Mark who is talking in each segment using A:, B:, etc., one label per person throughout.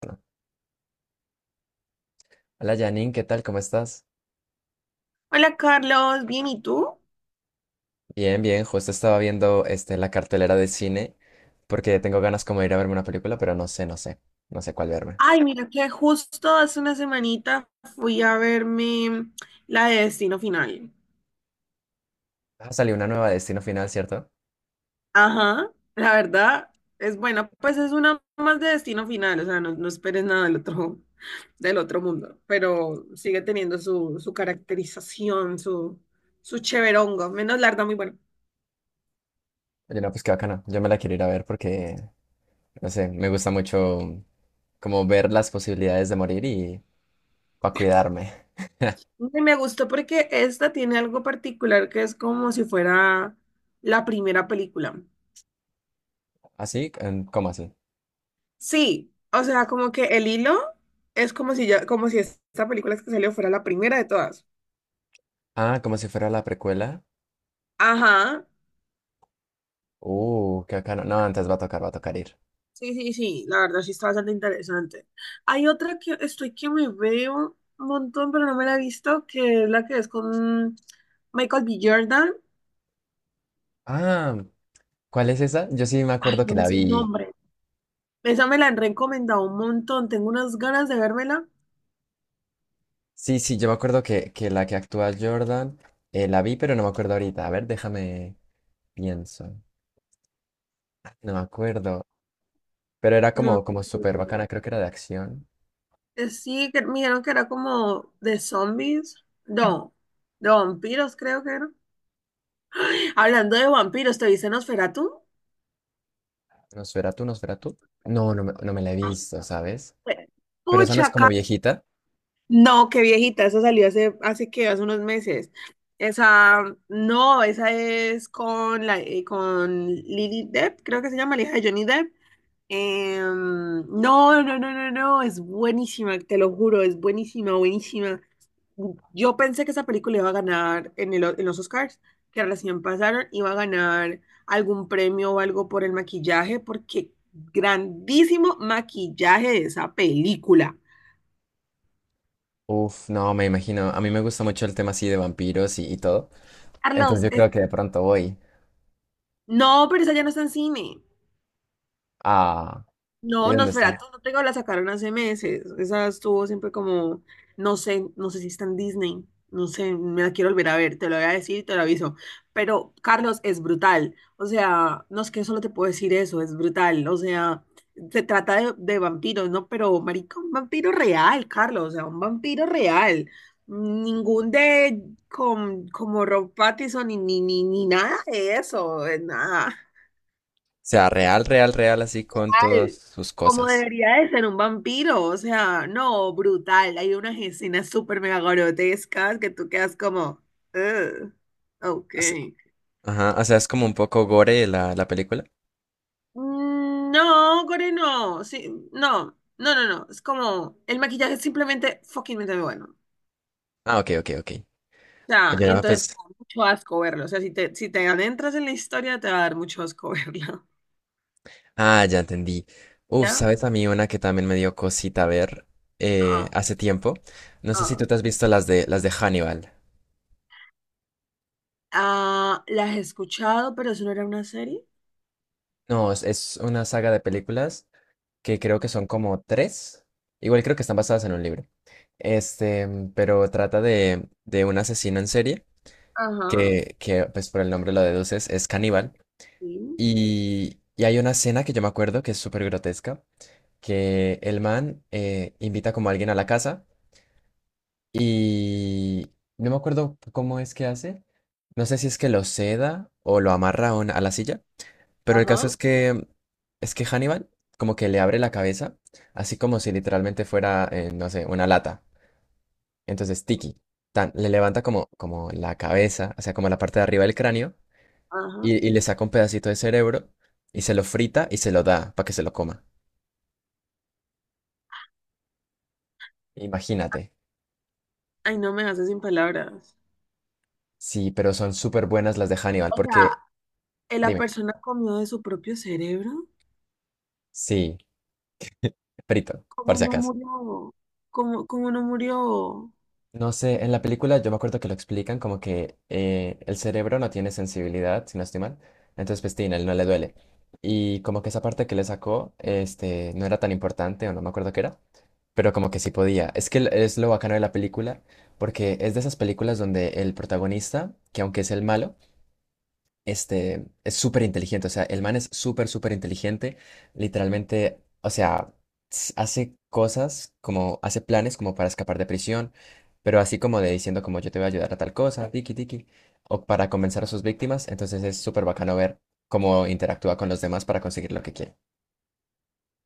A: Bueno, hola Janine, ¿qué tal? ¿Cómo estás?
B: Hola Carlos, bien, ¿y tú?
A: Bien, bien, justo estaba viendo la cartelera de cine porque tengo ganas como de ir a verme una película, pero no sé cuál verme.
B: Ay, mira que justo hace una semanita fui a verme la de Destino Final.
A: Ah, salió una nueva de Destino Final, ¿cierto?
B: Ajá, la verdad es buena, pues es una más de Destino Final, o sea, no, no esperes nada del otro, del otro mundo, pero sigue teniendo su caracterización, su cheverongo, menos larga, muy bueno.
A: Oye, no, pues qué bacana, yo me la quiero ir a ver porque, no sé, me gusta mucho como ver las posibilidades de morir y para cuidarme.
B: Y me gustó porque esta tiene algo particular que es como si fuera la primera película.
A: ¿Así? ¿Cómo así?
B: Sí, o sea, como que el hilo es como si ya, como si esta película que salió fuera la primera de todas.
A: Ah, como si fuera la precuela.
B: Ajá.
A: Qué bacano. No, antes va a tocar ir.
B: Sí, sí, sí, la verdad sí está bastante interesante. Hay otra que estoy que me veo un montón, pero no me la he visto, que es la que es con Michael B. Jordan.
A: Ah, ¿cuál es esa? Yo sí me
B: Ay,
A: acuerdo
B: no
A: que
B: me
A: la
B: sé el
A: vi.
B: nombre. Esa me la han recomendado un montón, tengo unas ganas de vérmela.
A: Sí, sí, yo me acuerdo que la que actúa Jordan la vi, pero no me acuerdo ahorita. A ver, déjame, pienso. No me acuerdo. Pero era
B: No me acuerdo
A: como
B: el
A: súper bacana,
B: nombre.
A: creo que era de acción.
B: Sí, que me dijeron que era como de zombies. No, de vampiros creo que era. Hablando de vampiros, ¿te viste Nosferatu?
A: ¿Nosferatu, Nosferatu? No, no me la he visto, ¿sabes? Pero esa no es
B: Pucha,
A: como viejita.
B: no, qué viejita, esa salió hace unos meses. Esa, no, esa es con Lily Depp, creo que se llama, la hija de Johnny Depp. No, no, no, no, no, es buenísima, te lo juro, es buenísima, buenísima. Yo pensé que esa película iba a ganar en los Oscars, que recién pasaron, iba a ganar algún premio o algo por el maquillaje, porque grandísimo maquillaje de esa película.
A: Uf, no, me imagino. A mí me gusta mucho el tema así de vampiros y todo. Entonces
B: Carlos,
A: yo creo que de pronto voy.
B: no, pero esa ya no está en cine.
A: Ah, ¿y
B: No,
A: dónde está? O
B: Nosferatu no tengo, la sacaron hace meses. Esa estuvo siempre como, no sé, no sé si está en Disney, no sé, me la quiero volver a ver, te lo voy a decir y te lo aviso. Pero Carlos es brutal, o sea, no es que solo te puedo decir eso, es brutal, o sea, se trata de vampiros, ¿no? Pero, marica, un vampiro real, Carlos, o sea, un vampiro real. Ningún de, con, como Rob Pattinson ni nada de eso, nada
A: sea, real, real, real, así con todas
B: brutal,
A: sus
B: como
A: cosas.
B: debería de ser un vampiro, o sea, no, brutal. Hay unas escenas súper mega grotescas que tú quedas como, "Ugh, ok."
A: Así- Ajá, o sea, es como un poco gore la película.
B: Mm, no, Core, no, sí, no, no, no, no, es como, el maquillaje es simplemente fucking bueno.
A: Ah, ok, ok, ok.
B: O sea,
A: Oye,
B: y
A: no,
B: entonces te
A: pues,
B: da mucho asco verlo, o sea, si te adentras en la historia te va a dar mucho asco verlo.
A: ah, ya entendí. Uf,
B: ¿Ya?
A: ¿sabes a mí una que también me dio cosita ver,
B: Ah,
A: hace tiempo? No sé si
B: ah.
A: tú te has visto las de Hannibal.
B: Ah, ¿la has escuchado, pero eso no era una serie?
A: No, es una saga de películas que creo que son como tres. Igual creo que están basadas en un libro. Este, pero trata de un asesino en serie
B: Ajá,
A: pues por el nombre lo deduces, es caníbal.
B: sí,
A: Y hay una escena que yo me acuerdo que es súper grotesca, que el man invita como a alguien a la casa. Y no me acuerdo cómo es que hace. No sé si es que lo seda o lo amarra a a la silla. Pero el caso
B: ajá.
A: es que Hannibal como que le abre la cabeza, así como si literalmente fuera, no sé, una lata. Entonces le levanta como la cabeza, o sea, como la parte de arriba del cráneo,
B: Ajá.
A: y le saca un pedacito de cerebro y se lo frita y se lo da para que se lo coma. Imagínate.
B: Ay, no me hace sin palabras.
A: Sí, pero son súper buenas las de Hannibal.
B: O sea,
A: Porque,
B: ¿la
A: dime,
B: persona comió de su propio cerebro?
A: sí, frito, por
B: ¿Cómo
A: si
B: no
A: acaso.
B: murió? ¿Cómo no murió?
A: No sé, en la película yo me acuerdo que lo explican como que el cerebro no tiene sensibilidad, si no estoy mal, entonces pues tin, a él no le duele. Y como que esa parte que le sacó, no era tan importante o no me acuerdo qué era, pero como que sí podía. Es que es lo bacano de la película, porque es de esas películas donde el protagonista, que aunque es el malo, este es súper inteligente, o sea, el man es súper, súper inteligente, literalmente, o sea, hace cosas como, hace planes como para escapar de prisión, pero así como de diciendo como yo te voy a ayudar a tal cosa, tiki tiki, o para convencer a sus víctimas, entonces es súper bacano ver cómo interactúa con los demás para conseguir lo que quiere.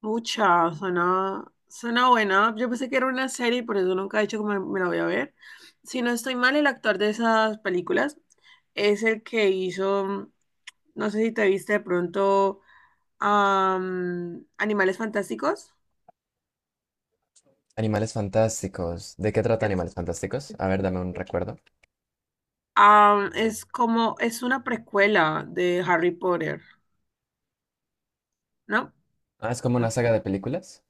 B: Mucha, suena buena. Yo pensé que era una serie y por eso nunca he dicho que me la voy a ver. Si no estoy mal, el actor de esas películas es el que hizo, no sé si te viste de pronto, Animales Fantásticos.
A: Animales Fantásticos, ¿de qué trata
B: Es,
A: Animales Fantásticos? A ver, dame un recuerdo.
B: es como, es una precuela de Harry Potter, ¿no?
A: Ah, es como una saga de películas.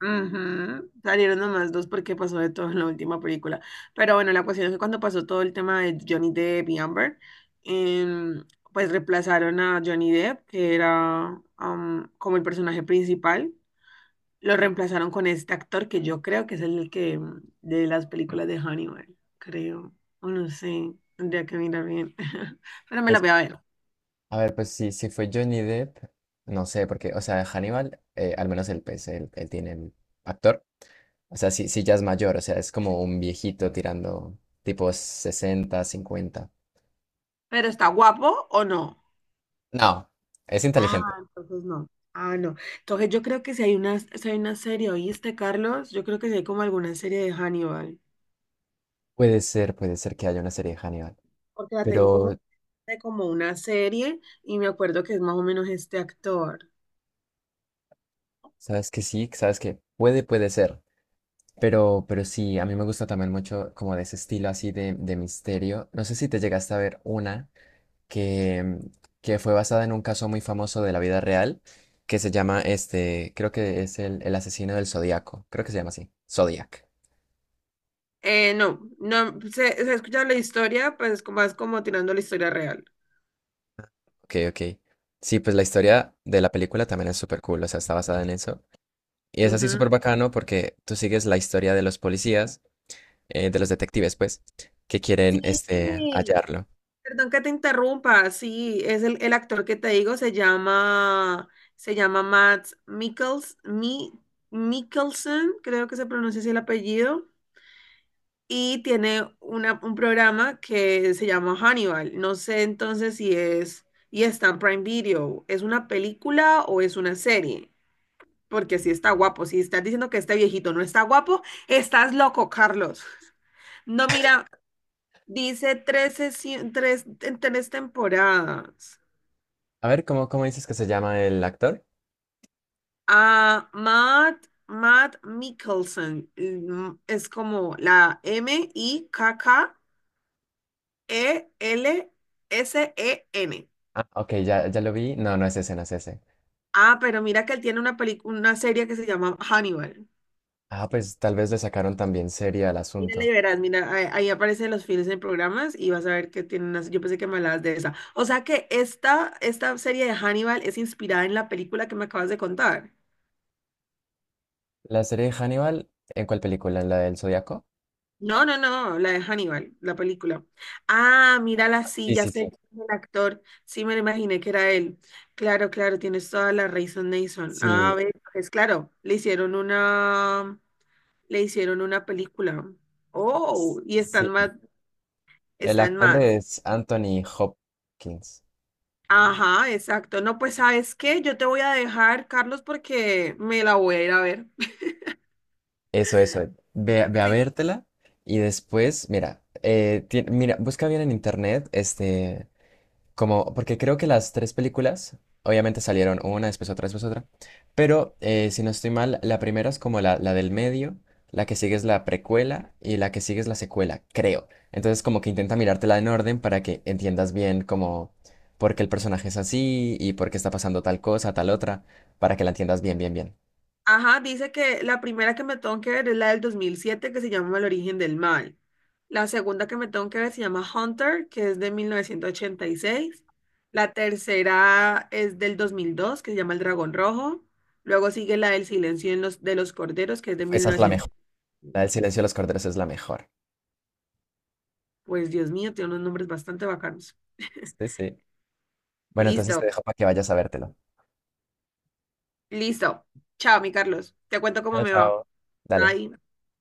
B: Ujú. Salieron nomás dos porque pasó de todo en la última película. Pero bueno, la cuestión es que cuando pasó todo el tema de Johnny Depp y Amber, em, pues reemplazaron a Johnny Depp, que era como el personaje principal, lo reemplazaron con este actor que yo creo que es el que de las películas de Hannibal, creo. O no sé, tendría que mirar bien. Pero me la
A: Pues,
B: voy a ver.
A: a ver, pues si fue Johnny Depp, no sé, porque, o sea, Hannibal, al menos el pez él tiene el actor. O sea, sí, sí ya es mayor, o sea, es como un viejito tirando tipo sesenta, cincuenta.
B: ¿Pero está guapo o no?
A: No, es
B: Ah,
A: inteligente.
B: entonces no. Ah, no. Entonces yo creo que si hay una serie, ¿oíste, Carlos? Yo creo que si hay como alguna serie de Hannibal,
A: Puede ser que haya una serie de Hannibal.
B: porque la tengo
A: Pero,
B: como, de como una serie y me acuerdo que es más o menos este actor.
A: ¿sabes que sí? ¿Sabes que puede, puede ser? Pero sí, a mí me gusta también mucho como de ese estilo así de misterio. No sé si te llegaste a ver una que, que fue basada en un caso muy famoso de la vida real, que se llama creo que es el asesino del Zodíaco, creo que se llama así, Zodiac.
B: No, no, se ha escuchado la historia, pues más como tirando la historia real.
A: Ok, ok. Sí, pues la historia de la película también es súper cool, o sea, está basada en eso. Y es así súper
B: Ujú.
A: bacano porque tú sigues la historia de los policías, de los detectives, pues, que quieren
B: Sí,
A: hallarlo.
B: perdón que te interrumpa, sí, es el actor que te digo, se llama Mikkelsen, creo que se pronuncia así el apellido. Y tiene un programa que se llama Hannibal. No sé entonces si es, y está en Prime Video, ¿es una película o es una serie? Porque si está guapo, si estás diciendo que este viejito no está guapo, estás loco, Carlos. No, mira, dice en tres temporadas.
A: A ver, ¿cómo, cómo dices que se llama el actor?
B: A Matt Mikkelsen, es como la Mikkelsen.
A: Ah, ok, ya lo vi. No, no es ese, no es ese.
B: Ah, pero mira que él tiene una película, una serie que se llama Hannibal.
A: Ah, pues tal vez le sacaron también serie al
B: Mírala y
A: asunto.
B: verás, mira, ahí aparecen los fines en programas y vas a ver que tiene unas, yo pensé que me hablabas de esa. O sea que esta serie de Hannibal es inspirada en la película que me acabas de contar.
A: La serie de Hannibal, ¿en cuál película? ¿En la del Zodíaco?
B: No, no, no, la de Hannibal, la película. Ah, mírala,
A: Ah,
B: sí,
A: sí,
B: ya
A: sí, sí.
B: sé quién es el actor. Sí, me lo imaginé que era él. Claro, claro, tienes toda la razón, Nason. Ah,
A: Sí,
B: ve, es claro, le hicieron una película. Oh, y
A: sí. El
B: están
A: actor
B: más.
A: es Anthony Hopkins.
B: Ajá, exacto. No, pues ¿sabes qué? Yo te voy a dejar, Carlos, porque me la voy a ir a ver.
A: Eso, eso. Ve, ve a
B: Sí.
A: vértela y después, mira, mira, busca bien en internet, Como, porque creo que las tres películas, obviamente salieron una, después otra, pero si no estoy mal, la primera es como la del medio, la que sigue es la precuela y la que sigue es la secuela, creo. Entonces como que intenta mirártela en orden para que entiendas bien como por qué el personaje es así y por qué está pasando tal cosa, tal otra, para que la entiendas bien, bien, bien.
B: Ajá, dice que la primera que me tengo que ver es la del 2007 que se llama El origen del mal. La segunda que me tengo que ver se llama Hunter, que es de 1986. La tercera es del 2002 que se llama El Dragón Rojo. Luego sigue la del Silencio de los Corderos, que es de mil
A: Esa es la
B: novecientos.
A: mejor. La del silencio de los corderos es la mejor.
B: Pues Dios mío, tiene unos nombres bastante bacanos.
A: Sí, sí. Bueno, entonces
B: Listo.
A: te dejo para que vayas a vértelo.
B: Listo. Chao, mi Carlos. Te cuento cómo
A: Chao,
B: me va.
A: chao. Dale.
B: Bye.